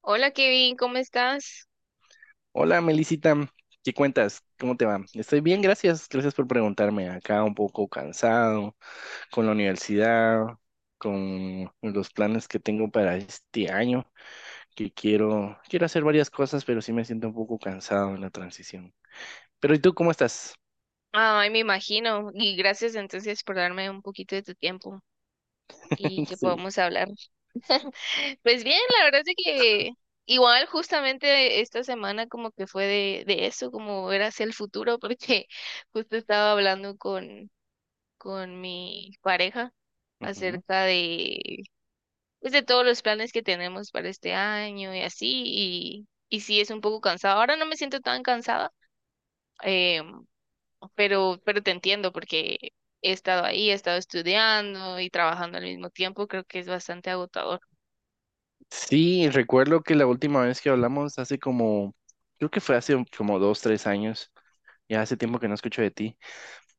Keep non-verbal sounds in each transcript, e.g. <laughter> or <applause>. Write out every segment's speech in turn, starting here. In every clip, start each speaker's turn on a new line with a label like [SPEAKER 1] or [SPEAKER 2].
[SPEAKER 1] Hola Kevin, ¿cómo estás?
[SPEAKER 2] Hola, Melisita, ¿qué cuentas? ¿Cómo te va? Estoy bien, gracias. Gracias por preguntarme. Acá un poco cansado con la universidad, con los planes que tengo para este año, que quiero hacer varias cosas, pero sí me siento un poco cansado en la transición. Pero ¿y tú cómo estás?
[SPEAKER 1] Ay, me imagino. Y gracias entonces por darme un poquito de tu tiempo y
[SPEAKER 2] <laughs>
[SPEAKER 1] que
[SPEAKER 2] Sí.
[SPEAKER 1] podamos hablar. <laughs> Pues bien, la verdad es que igual justamente esta semana como que fue de eso, como ver hacia el futuro, porque <laughs> justo estaba hablando con mi pareja
[SPEAKER 2] Ujú.
[SPEAKER 1] acerca de, pues, de todos los planes que tenemos para este año y así, y sí es un poco cansado. Ahora no me siento tan cansada, em, pero te entiendo porque he estado ahí, he estado estudiando y trabajando al mismo tiempo, creo que es bastante agotador.
[SPEAKER 2] Sí, recuerdo que la última vez que hablamos hace como, creo que fue hace como dos, tres años. Ya hace tiempo que no escucho de ti.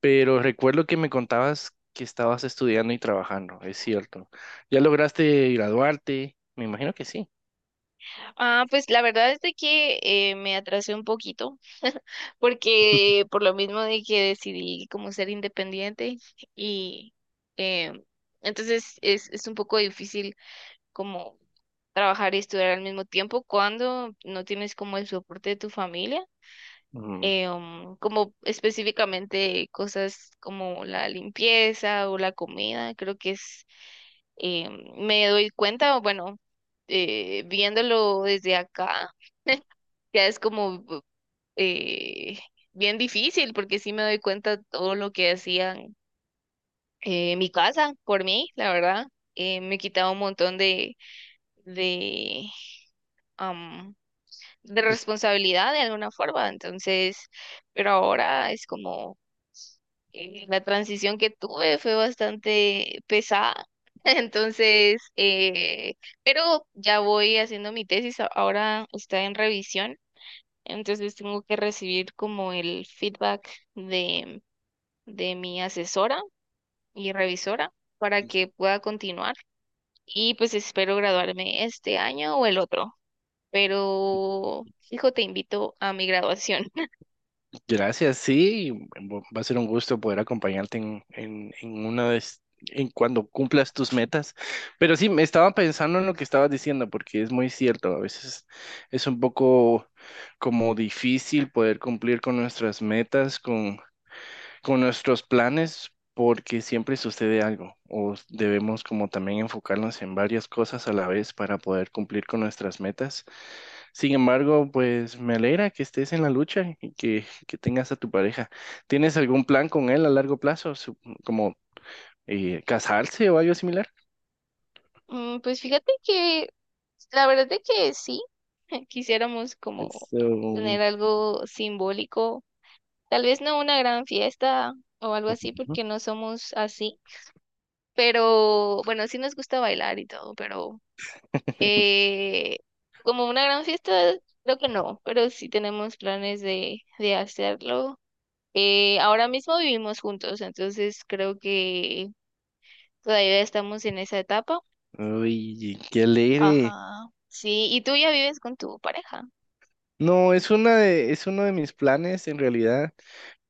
[SPEAKER 2] Pero recuerdo que me contabas que estabas estudiando y trabajando, es cierto. ¿Ya lograste graduarte? Me imagino que sí.
[SPEAKER 1] Ah, pues la verdad es de que me atrasé un poquito porque por lo mismo de que decidí como ser independiente y, eh, entonces es un poco difícil como trabajar y estudiar al mismo tiempo cuando no tienes como el soporte de tu familia.
[SPEAKER 2] Mm,
[SPEAKER 1] Como específicamente cosas como la limpieza o la comida, creo que eh, me doy cuenta, bueno, viéndolo desde acá, ya es como, eh, bien difícil porque sí me doy cuenta todo lo que hacían en mi casa por mí, la verdad. Me quitaba un montón de, am, de
[SPEAKER 2] pues,
[SPEAKER 1] responsabilidad de alguna forma, entonces, pero ahora es como, la transición que tuve fue bastante pesada. <laughs> Entonces, pero ya voy haciendo mi tesis, ahora está en revisión, entonces tengo que recibir como el feedback de, de mi asesora y revisora para que pueda continuar y pues espero graduarme este año o el otro, pero hijo, te invito a mi graduación.
[SPEAKER 2] gracias, sí. Va a ser un gusto poder acompañarte en una de, es- en cuando cumplas tus metas. Pero sí, me estaba pensando en lo que estabas diciendo, porque es muy cierto. A veces es un poco como difícil poder cumplir con nuestras metas, con nuestros planes porque siempre sucede algo o debemos como también enfocarnos en varias cosas a la vez para poder cumplir con nuestras metas. Sin embargo, pues me alegra que estés en la lucha y que tengas a tu pareja. ¿Tienes algún plan con él a largo plazo, como casarse o algo similar?
[SPEAKER 1] Mm, pues fíjate que la verdad es que sí, <laughs> quisiéramos como
[SPEAKER 2] Eso, ujú.
[SPEAKER 1] tener algo simbólico, tal vez no una gran fiesta o algo así porque no somos así, pero bueno, sí nos gusta bailar y todo, pero, eh, como una gran fiesta creo que no, pero sí tenemos planes de hacerlo. Ahora mismo vivimos juntos, entonces creo que todavía estamos en esa etapa.
[SPEAKER 2] Uy, qué alegre.
[SPEAKER 1] Ajá. Sí, ¿y tú ya vives con tu pareja?
[SPEAKER 2] No, es uno de mis planes en realidad.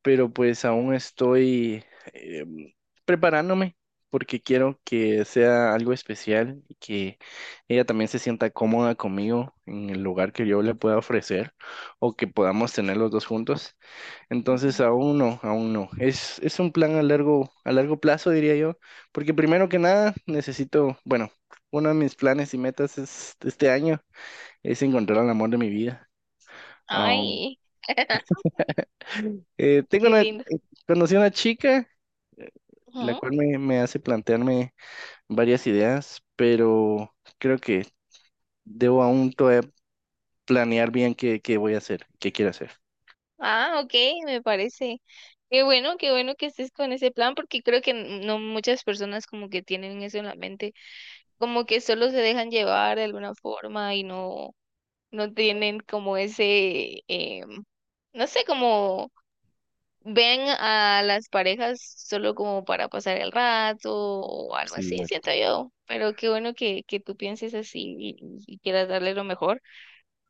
[SPEAKER 2] Pero pues aún estoy em, preparándome porque quiero que sea algo especial y que ella también se sienta cómoda conmigo en el lugar que yo le pueda ofrecer o que podamos tener los dos juntos. Entonces
[SPEAKER 1] Ujú.
[SPEAKER 2] aún no. Es un plan a largo plazo, diría yo, porque primero que nada necesito, bueno, uno de mis planes y metas es, este año, es encontrar el amor de mi vida. Aún,
[SPEAKER 1] Ay, <laughs>
[SPEAKER 2] eh, tengo
[SPEAKER 1] qué
[SPEAKER 2] una, eh,
[SPEAKER 1] lindo.
[SPEAKER 2] conocí a una chica la
[SPEAKER 1] Ujú.
[SPEAKER 2] cual me hace plantearme varias ideas, pero creo que debo aún todavía planear bien qué voy a hacer, qué quiero hacer.
[SPEAKER 1] Ah, ok, me parece. Qué bueno que estés con ese plan, porque creo que no muchas personas como que tienen eso en la mente, como que solo se dejan llevar de alguna forma y no, no tienen como ese, em, no sé, como ven a las parejas solo como para pasar el rato o algo
[SPEAKER 2] Sí,
[SPEAKER 1] así,
[SPEAKER 2] dale.
[SPEAKER 1] siento yo. Pero qué bueno que tú pienses así, y quieras darle lo mejor.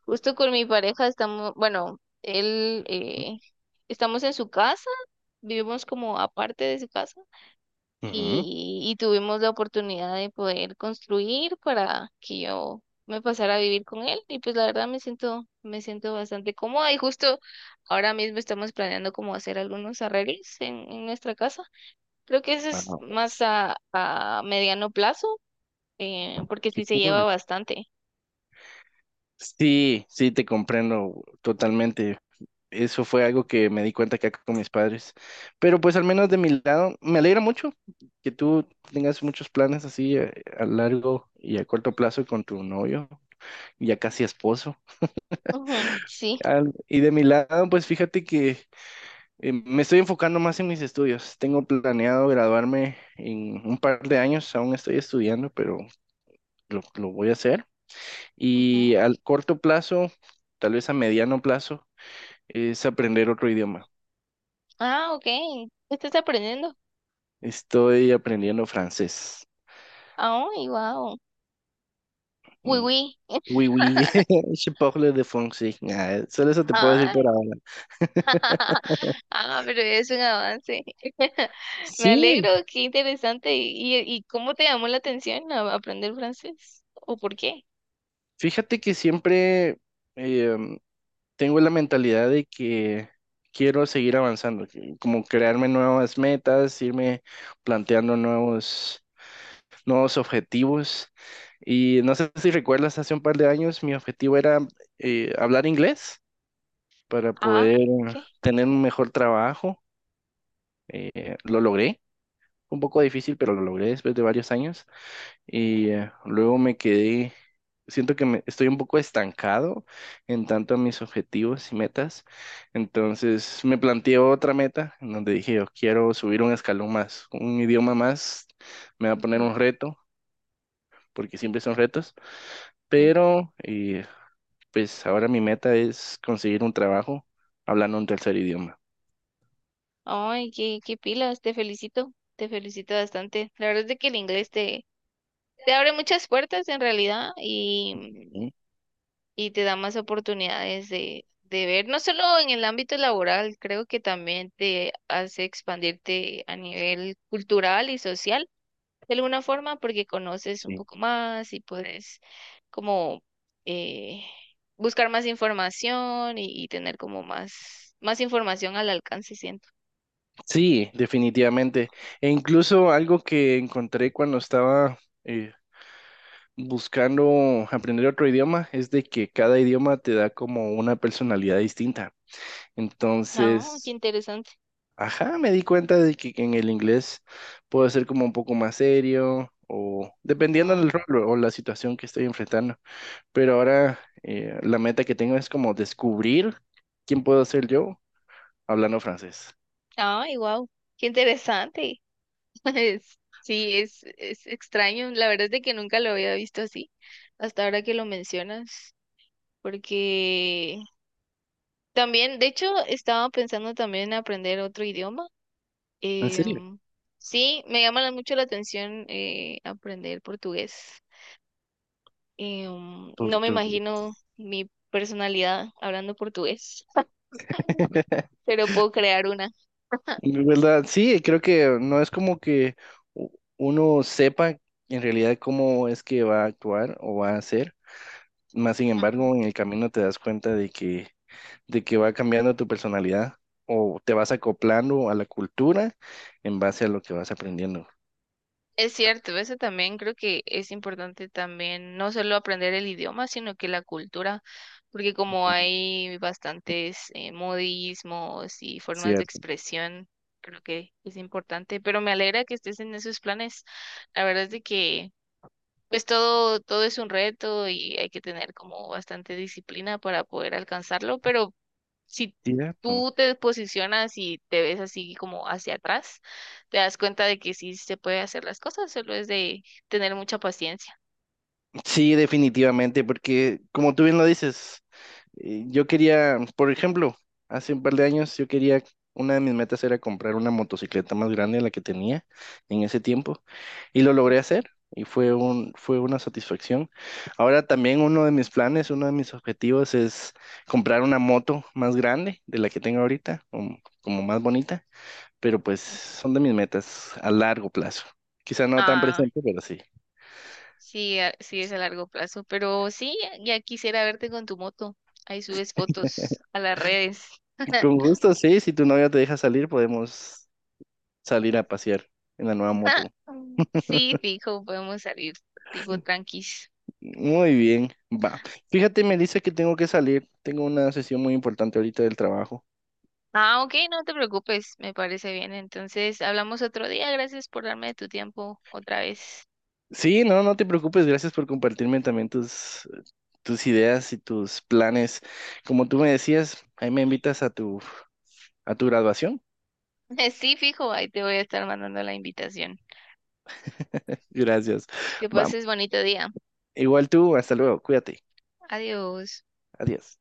[SPEAKER 1] Justo con mi pareja estamos, bueno, él, estamos en su casa, vivimos como aparte de su casa
[SPEAKER 2] Ujú.
[SPEAKER 1] y tuvimos la oportunidad de poder construir para que yo me pasara a vivir con él y pues la verdad me siento bastante cómoda y justo ahora mismo estamos planeando como hacer algunos arreglos en nuestra casa. Creo que eso
[SPEAKER 2] Ah,
[SPEAKER 1] es más a mediano plazo, porque
[SPEAKER 2] qué
[SPEAKER 1] sí se lleva
[SPEAKER 2] cool.
[SPEAKER 1] bastante.
[SPEAKER 2] Sí, sí, te comprendo totalmente. Eso fue algo que me di cuenta que acá con mis padres. Pero pues al menos de mi lado, me alegra mucho que tú tengas muchos planes así a largo y a corto plazo con tu novio, ya casi esposo.
[SPEAKER 1] Ujú, sí.
[SPEAKER 2] Y de mi lado, pues fíjate que me estoy enfocando más en mis estudios. Tengo planeado graduarme en un par de años. Aún estoy estudiando, pero lo voy a hacer. Y
[SPEAKER 1] Ujú.
[SPEAKER 2] al corto plazo, tal vez a mediano plazo, es aprender otro idioma.
[SPEAKER 1] Ah, ok. ¿Qué estás aprendiendo?
[SPEAKER 2] Estoy aprendiendo francés.
[SPEAKER 1] Ah, wow. Uy,
[SPEAKER 2] Mm.
[SPEAKER 1] uy. <laughs>
[SPEAKER 2] Oui, oui, <laughs> je parle de français. Ah, solo eso te puedo decir
[SPEAKER 1] Ah.
[SPEAKER 2] por ahora.
[SPEAKER 1] <laughs> Ah, pero es un avance. <laughs> Me alegro,
[SPEAKER 2] Sí,
[SPEAKER 1] qué interesante. Y cómo te llamó la atención aprender francés? ¿O por qué?
[SPEAKER 2] fíjate que em, tengo la mentalidad de que quiero seguir avanzando, como crearme nuevas metas, irme planteando nuevos objetivos. Y no sé si recuerdas, hace un par de años mi objetivo era hablar inglés para
[SPEAKER 1] Ah,
[SPEAKER 2] poder
[SPEAKER 1] ¿qué?
[SPEAKER 2] tener un mejor trabajo. Lo logré, un poco difícil, pero lo logré después de varios años y luego me quedé, siento que estoy un poco estancado en tanto a mis objetivos y metas, entonces me planteé otra meta en donde dije, yo quiero subir un escalón más, un idioma más, me va a poner
[SPEAKER 1] Ujú.
[SPEAKER 2] un reto, porque siempre son retos,
[SPEAKER 1] Sí.
[SPEAKER 2] pero pues ahora mi meta es conseguir un trabajo hablando un tercer idioma.
[SPEAKER 1] Ay, qué, qué pilas, te felicito bastante. La verdad es de que el inglés te, te abre muchas puertas en realidad,
[SPEAKER 2] ¿Mm?
[SPEAKER 1] y te da más oportunidades de ver, no solo en el ámbito laboral, creo que también te hace expandirte a nivel cultural y social de alguna forma porque conoces un
[SPEAKER 2] Sí.
[SPEAKER 1] poco más y puedes como, eh, buscar más información y tener como más, más información al alcance, siento.
[SPEAKER 2] Sí, definitivamente. E incluso algo que encontré cuando estaba... eh, buscando aprender otro idioma es de que cada idioma te da como una personalidad distinta.
[SPEAKER 1] Ah, qué
[SPEAKER 2] Entonces,
[SPEAKER 1] interesante.
[SPEAKER 2] ajá, me di cuenta de que en el inglés puedo ser como un poco más serio o dependiendo
[SPEAKER 1] Ah.
[SPEAKER 2] del rol o la situación que estoy enfrentando. Pero ahora la meta que tengo es como descubrir quién puedo ser yo hablando francés.
[SPEAKER 1] Ay, wow, qué interesante. <laughs> Es- sí, es extraño. La verdad es de que nunca lo había visto así, hasta ahora que lo mencionas, porque también, de hecho, estaba pensando también en aprender otro idioma.
[SPEAKER 2] ¿En serio?
[SPEAKER 1] Em, sí, me llama mucho la atención, aprender portugués. Em,
[SPEAKER 2] Tú-
[SPEAKER 1] no me
[SPEAKER 2] tú-
[SPEAKER 1] imagino mi personalidad hablando portugués, <laughs>
[SPEAKER 2] <laughs>
[SPEAKER 1] pero puedo crear una.
[SPEAKER 2] De ¿verdad? Sí, creo que no es como que u- uno sepa en realidad cómo es que va a actuar o va a hacer. Más sin
[SPEAKER 1] Ujú.
[SPEAKER 2] embargo, en el camino te das cuenta de que va cambiando tu personalidad o te vas acoplando a la cultura en base a lo que vas aprendiendo.
[SPEAKER 1] Es cierto, eso también creo que es importante también, no solo aprender el idioma, sino que la cultura, porque como hay bastantes modismos y formas de
[SPEAKER 2] Cierto.
[SPEAKER 1] expresión, creo que es importante, pero me alegra que estés en esos planes. La verdad es de que... pues todo, todo es un reto y hay que tener como bastante disciplina para poder alcanzarlo, pero si
[SPEAKER 2] Cierto.
[SPEAKER 1] tú te posicionas y te ves así como hacia atrás, te das cuenta de que sí se puede hacer las cosas, solo es de tener mucha paciencia.
[SPEAKER 2] Sí, definitivamente, porque como tú bien lo dices, yo quería, por ejemplo, hace un par de años yo quería, una de mis metas era comprar una motocicleta más grande de la que tenía en ese tiempo y lo logré hacer y fue fue una satisfacción. Ahora también uno de mis planes, uno de mis objetivos es comprar una moto más grande de la que tengo ahorita, como más bonita, pero pues son de mis metas a largo plazo. Quizá no tan
[SPEAKER 1] Ah,
[SPEAKER 2] presente, pero sí.
[SPEAKER 1] sí, sí es a largo plazo, pero sí, ya quisiera verte con tu moto. Ahí subes fotos a las redes.
[SPEAKER 2] Con gusto, sí, si tu novia te deja salir, podemos salir a pasear en la nueva
[SPEAKER 1] <laughs>
[SPEAKER 2] moto.
[SPEAKER 1] Sí, fijo, podemos salir tipo tranquis.
[SPEAKER 2] Muy bien, va. Fíjate, me dice que tengo que salir. Tengo una sesión muy importante ahorita del trabajo.
[SPEAKER 1] Ah, ok, no te preocupes, me parece bien. Entonces, hablamos otro día. Gracias por darme tu tiempo otra vez.
[SPEAKER 2] Sí, no, no te preocupes. Gracias por compartirme también tus, tus ideas y tus planes. Como tú me decías, ahí me invitas a tu graduación.
[SPEAKER 1] <laughs> Sí, fijo, ahí te voy a estar mandando la invitación.
[SPEAKER 2] Gracias.
[SPEAKER 1] Que
[SPEAKER 2] Va.
[SPEAKER 1] pases bonito día.
[SPEAKER 2] Igual tú, hasta luego. Cuídate.
[SPEAKER 1] Adiós.
[SPEAKER 2] Adiós.